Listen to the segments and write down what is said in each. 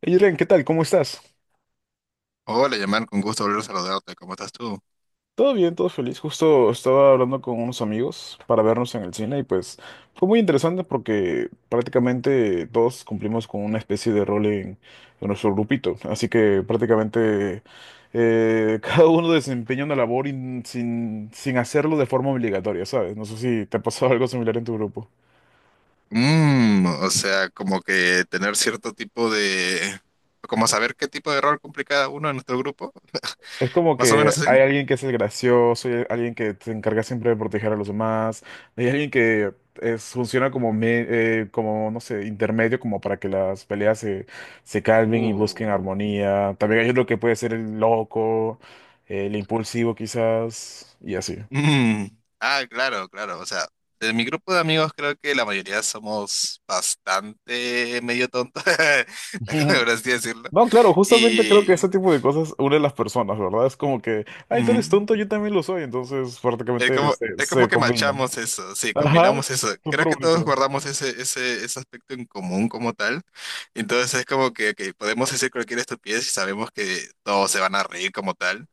Hey, Irene, ¿qué tal? ¿Cómo estás? Hola, llamar con gusto volver a saludarte. ¿Cómo estás tú? Todo bien, todo feliz. Justo estaba hablando con unos amigos para vernos en el cine y pues fue muy interesante porque prácticamente todos cumplimos con una especie de rol en nuestro grupito. Así que prácticamente cada uno desempeña una labor sin hacerlo de forma obligatoria, ¿sabes? No sé si te ha pasado algo similar en tu grupo. O sea, como que tener cierto tipo de... Como saber qué tipo de rol cumple cada uno en nuestro grupo. Es como Más o que menos así. hay alguien que es el gracioso, hay alguien que se encarga siempre de proteger a los demás, hay alguien que es, funciona como, como, no sé, intermedio, como para que las peleas se calmen y busquen Uh, armonía. También hay lo que puede ser el loco, el impulsivo quizás, y así. Mm, claro, claro. O sea, de mi grupo de amigos creo que la mayoría somos bastante medio tontos, como por así decirlo. No, claro, justamente creo que Y... ese tipo de cosas une a las personas, ¿verdad? Es como que, ay, tú eres Ujú. tonto, yo también lo soy, entonces prácticamente Es como se que combinan. machamos eso, sí, Ajá, combinamos eso. Creo súper que todos bonito. guardamos ese aspecto en común como tal. Entonces es como que podemos decir cualquier estupidez y sabemos que todos se van a reír como tal.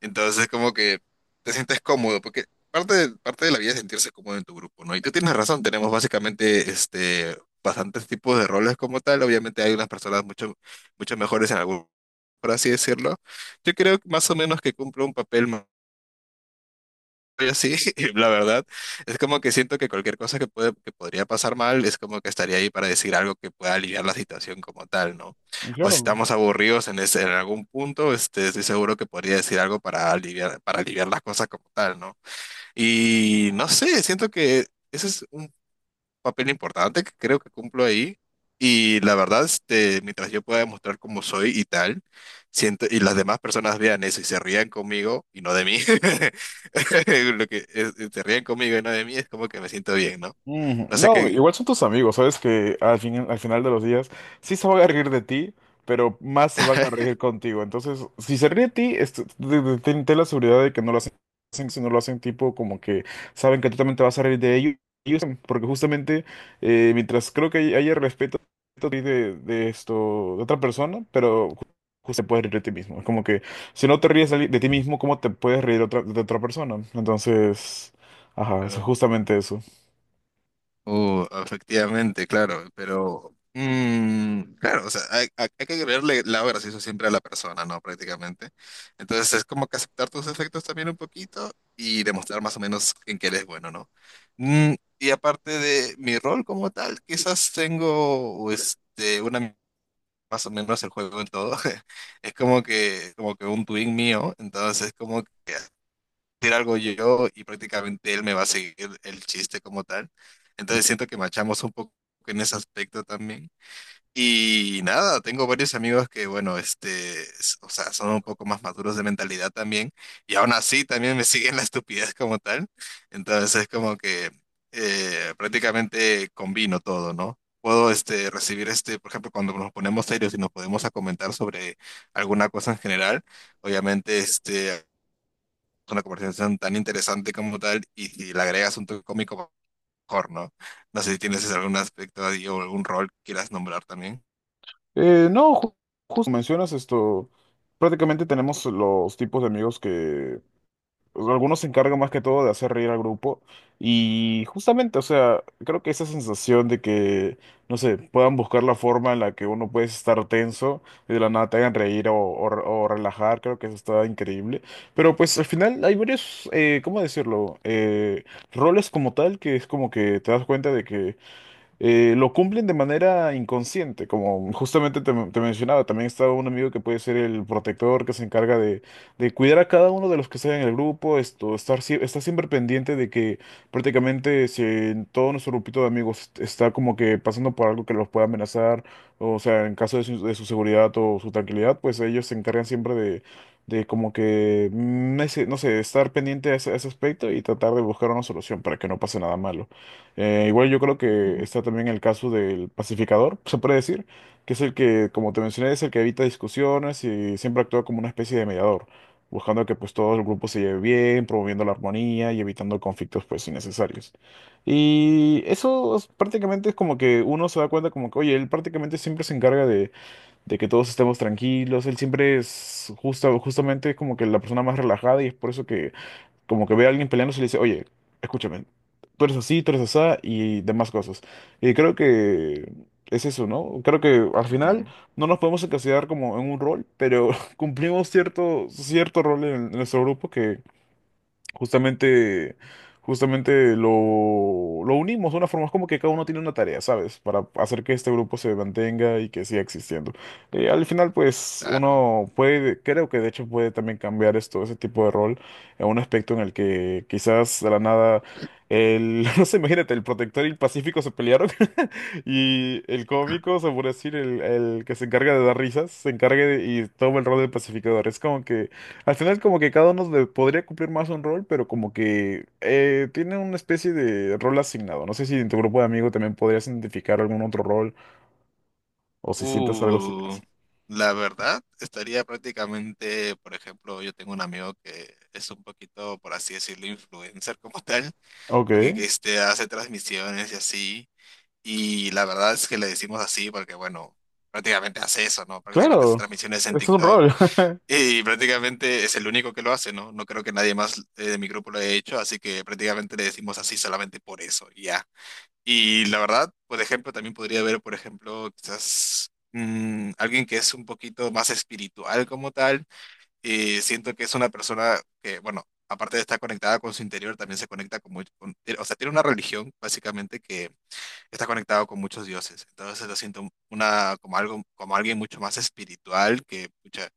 Entonces es como que te sientes cómodo, porque parte de la vida es sentirse cómodo en tu grupo, ¿no? Y tú tienes razón, tenemos básicamente este, bastantes tipos de roles como tal. Obviamente hay unas personas mucho mejores en algún, por así decirlo. Yo creo que más o menos que cumple un papel. Yo sí, la verdad, es como que siento que cualquier cosa que que podría pasar mal, es como que estaría ahí para decir algo que pueda aliviar la situación como tal, ¿no? O si Claro. estamos aburridos en en algún punto, este, estoy seguro que podría decir algo para para aliviar las cosas como tal, ¿no? Y no sé, siento que eso es papel importante que creo que cumplo ahí. Y la verdad, este, mientras yo pueda demostrar cómo soy y tal, siento, y las demás personas vean eso y se rían conmigo y no de mí, lo que es- se rían conmigo y no de mí es como que me siento bien, ¿no? Mm, No sé no, qué. igual son tus amigos, sabes que al fin, al final de los días sí se van a reír de ti, pero más se van a reír contigo. Entonces, si se ríe de ti, ten la seguridad de que no lo hacen, si no lo hacen tipo como que saben que tú también te vas a reír de ellos, porque justamente mientras creo que haya respeto de esto, de otra persona, pero justo te puedes reír de ti mismo. Es como que si no te ríes de ti mismo, ¿cómo te puedes reír de otra persona? Entonces, ajá, es Claro. justamente eso. Efectivamente, claro, pero claro, o sea, hay- hay que creerle lado gracioso siempre a la persona, ¿no? Prácticamente. Entonces es como que aceptar tus defectos también un poquito y demostrar más o menos en qué eres bueno, ¿no? Mm, y aparte de mi rol como tal, quizás tengo este, una más o menos el juego en todo. Es como como que un twin mío, entonces como decir algo yo y prácticamente él me va a seguir el chiste como tal. Entonces siento que machamos un poco en ese aspecto también. Y nada, tengo varios amigos que, bueno, este, s- o sea, son un poco más maduros de mentalidad también, y aún así también me siguen la estupidez como tal. Entonces es como que prácticamente combino todo, ¿no? Puedo este, recibir, este, por ejemplo, cuando nos ponemos serios y nos podemos a comentar sobre alguna cosa en general, obviamente este, una conversación tan interesante como tal y si le agregas un toque cómico, mejor, ¿no? No sé si tienes algún aspecto ahí o algún rol que quieras nombrar también. No, justo como mencionas esto, prácticamente tenemos los tipos de amigos que o sea, algunos se encargan más que todo de hacer reír al grupo y justamente, o sea, creo que esa sensación de que, no sé, puedan buscar la forma en la que uno puede estar tenso y de la nada te hagan reír o o relajar, creo que eso está increíble. Pero pues al final hay varios, ¿cómo decirlo? Roles como tal que es como que te das cuenta de que lo cumplen de manera inconsciente, como justamente te mencionaba, también está un amigo que puede ser el protector que se encarga de cuidar a cada uno de los que están en el grupo, esto, está siempre pendiente de que prácticamente si en todo nuestro grupito de amigos está como que pasando por algo que los pueda amenazar, o sea, en caso de de su seguridad o su tranquilidad, pues ellos se encargan siempre de como que, no sé, estar pendiente a a ese aspecto y tratar de buscar una solución para que no pase nada malo. Igual yo creo que Ujú, está también el caso del pacificador, se puede decir, que es el que, como te mencioné, es el que evita discusiones y siempre actúa como una especie de mediador, buscando que pues todo el grupo se lleve bien, promoviendo la armonía y evitando conflictos pues innecesarios. Prácticamente es como que uno se da cuenta como que, oye, él prácticamente siempre se encarga de que todos estemos tranquilos, él siempre es justamente es como que la persona más relajada y es por eso que como que ve a alguien peleándose y le dice, oye, escúchame, tú eres así, tú eres asá y demás cosas. Y creo que es eso, ¿no? Creo que al final ujú. no nos podemos encasillar como en un rol, pero cumplimos cierto rol en nuestro grupo. Justamente, justamente lo, lo unimos de una forma, es como que cada uno tiene una tarea, ¿sabes? Para hacer que este grupo se mantenga y que siga existiendo. Y al final, pues, Claro. uno puede, creo que de hecho puede también cambiar esto, ese tipo de rol, a un aspecto en el que quizás de la nada, no sé, imagínate, el protector y el pacífico se pelearon y el cómico, se puede decir, el que se encarga de dar risas, y toma el rol del pacificador. Es como que al final como que podría cumplir más un rol, pero como que tiene una especie de rol asignado. No sé si en tu grupo de amigos también podrías identificar algún otro rol o si sientes algo Uh, así. la verdad, estaría prácticamente, por ejemplo, yo tengo un amigo que es un poquito, por así decirlo, influencer como tal, Ok, porque que este, hace transmisiones y así, y la verdad es que le decimos así porque, bueno, prácticamente hace eso, ¿no? Prácticamente hace claro, transmisiones en es un TikTok. rol. Y prácticamente es el único que lo hace, ¿no? No creo que nadie más de mi grupo lo haya hecho, así que prácticamente le decimos así solamente por eso, y ya. Y la verdad, por ejemplo, también podría haber, por ejemplo, quizás alguien que es un poquito más espiritual como tal. Y siento que es una persona que, bueno, aparte de estar conectada con su interior, también se conecta con, muy- con- o sea, tiene una religión básicamente que está conectado con muchos dioses. Entonces lo siento una, como algo, como alguien mucho más espiritual que, pucha,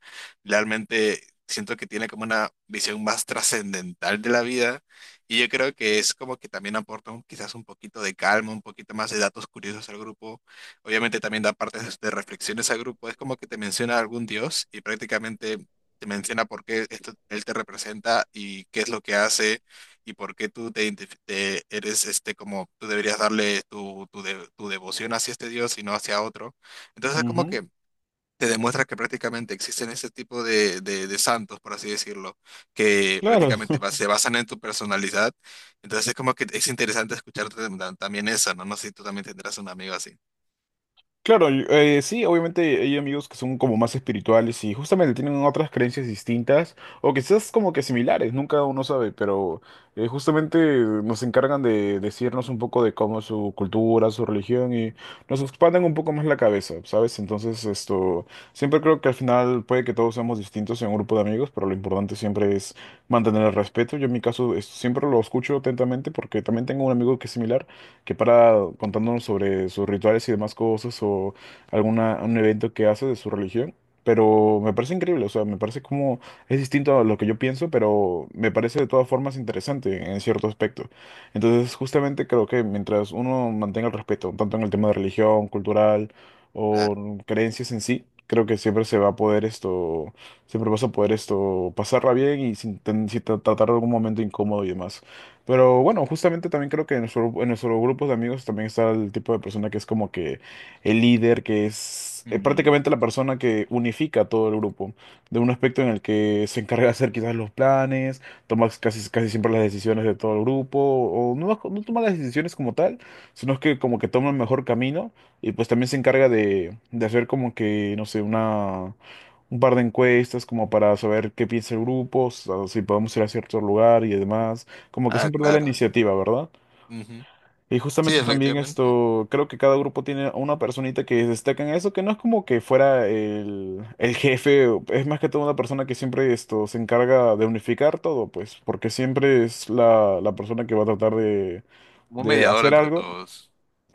realmente siento que tiene como una visión más trascendental de la vida. Y yo creo que es como que también aporta un- quizás un poquito de calma, un poquito más de datos curiosos al grupo. Obviamente también da partes de reflexiones al grupo. Es como que te menciona algún dios y prácticamente te menciona por qué esto- él te representa y qué es lo que hace y por qué tú te, identif- te- eres este como tú deberías darle de- tu devoción hacia este Dios y no hacia otro. Entonces es como Ujú. que te demuestra que prácticamente existen ese tipo de santos, por así decirlo, que prácticamente Claro. va- se basan en tu personalidad. Entonces es como que es interesante escucharte tam- tam- también eso, ¿no? No sé si tú también tendrás un amigo así. Claro, sí, obviamente hay amigos que son como más espirituales y justamente tienen otras creencias distintas o quizás como que similares, nunca uno sabe, pero justamente nos encargan de decirnos un poco de cómo es su cultura, su religión y nos expanden un poco más la cabeza, ¿sabes? Entonces esto, siempre creo que al final puede que todos seamos distintos en un grupo de amigos, pero lo importante siempre es mantener el respeto. Yo en mi caso siempre lo escucho atentamente porque también tengo un amigo que es similar que para contándonos sobre sus rituales y demás cosas o alguna, un evento que hace de su religión. Pero me parece increíble, o sea, me parece como es distinto a lo que yo pienso, pero me parece de todas formas interesante en cierto aspecto. Entonces, justamente creo que mientras uno mantenga el respeto, tanto en el tema de religión, cultural Claro. o creencias en sí, creo que siempre se va a poder esto, siempre vas a poder esto pasarla bien y sin, ten- sin tra- tratar de algún momento incómodo y demás. Pero bueno, justamente también creo que en en nuestro grupo de amigos también está el tipo de persona que es como que el líder, que es Mm. prácticamente la persona que unifica a todo el grupo, de un aspecto en el que se encarga de hacer quizás los planes, toma casi siempre las decisiones de todo el grupo, o no, no toma las decisiones como tal, sino que como que toma el mejor camino y pues también se encarga de hacer como que, no sé, una... Un par de encuestas como para saber qué piensa el grupo, o si podemos ir a cierto lugar y demás. Como que Ah, siempre da la claro. iniciativa, ¿verdad? Ujú. Y Sí, justamente también efectivamente. esto, creo que cada grupo tiene a una personita que destaca en eso, que no es como que fuera el jefe, o- es más que todo una persona que siempre esto se encarga de unificar todo, pues, porque siempre es la persona que va a tratar Como un de mediador hacer entre algo. todos.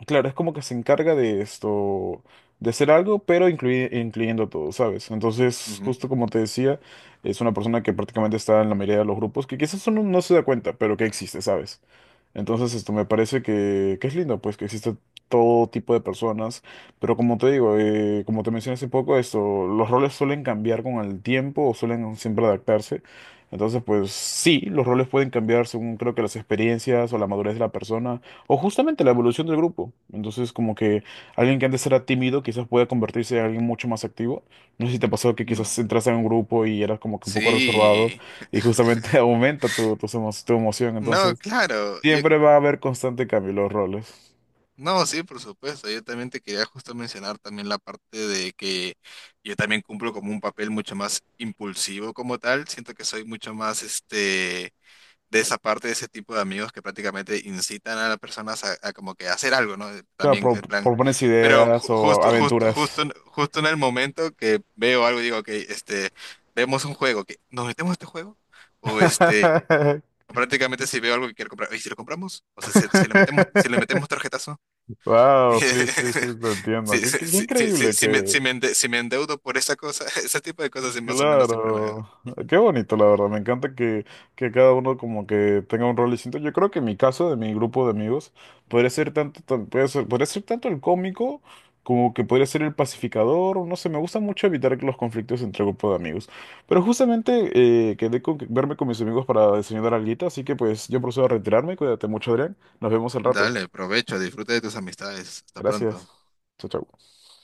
Claro, es como que se encarga de esto, de hacer algo, pero incluyendo todo, ¿sabes? Entonces, Ujú. justo como te decía, es una persona que prácticamente está en la mayoría de los grupos, que quizás uno no se da cuenta, pero que existe, ¿sabes? Entonces, esto me parece que es lindo, pues, que existe todo tipo de personas, pero como te digo, como te mencioné hace poco, esto, los roles suelen cambiar con el tiempo o suelen siempre adaptarse. Entonces, pues sí, los roles pueden cambiar según creo que las experiencias o la madurez de la persona o justamente la evolución del grupo. Entonces, como que alguien que antes era tímido quizás pueda convertirse en alguien mucho más activo. No sé si te pasó que No. quizás entras en un grupo y eras como que un poco reservado Sí. y justamente aumenta tu emoción. No, Entonces, claro. Yo, siempre va a haber constante cambio en los roles. no, sí, por supuesto. Yo también te quería justo mencionar también la parte de que yo también cumplo como un papel mucho más impulsivo como tal. Siento que soy mucho más este de esa parte de ese tipo de amigos que prácticamente incitan a las personas a como que hacer algo, ¿no? Claro, También en plan, propones pero ju- ideas o justo, aventuras. en- justo en el momento que veo algo digo, que este, vemos un juego, que nos metemos a este juego o este. Prácticamente si veo algo que quiero comprar, ¿y si lo compramos? O sea, si, si le metemos tarjetazo. Wow, sí, sí, sí, te entiendo. Sí, sí, Qué sí, sí, sí, increíble sí que, me ende- sí me endeudo por esa cosa, ese tipo de cosas sí, más o menos siempre me... claro, Ujú, qué bonito la verdad, me encanta que cada uno como que tenga un rol distinto. Yo creo que en mi caso, de mi grupo de amigos, ujú. podría ser puede ser, podría ser tanto el cómico como que podría ser el pacificador, o no sé, me gusta mucho evitar los conflictos entre grupo de amigos. Pero justamente quedé con verme con mis amigos para diseñar algo, así que pues yo procedo a retirarme, cuídate mucho, Adrián, nos vemos al rato. Dale, provecho, disfruta de tus amistades. Hasta Gracias. pronto. Chao, chao.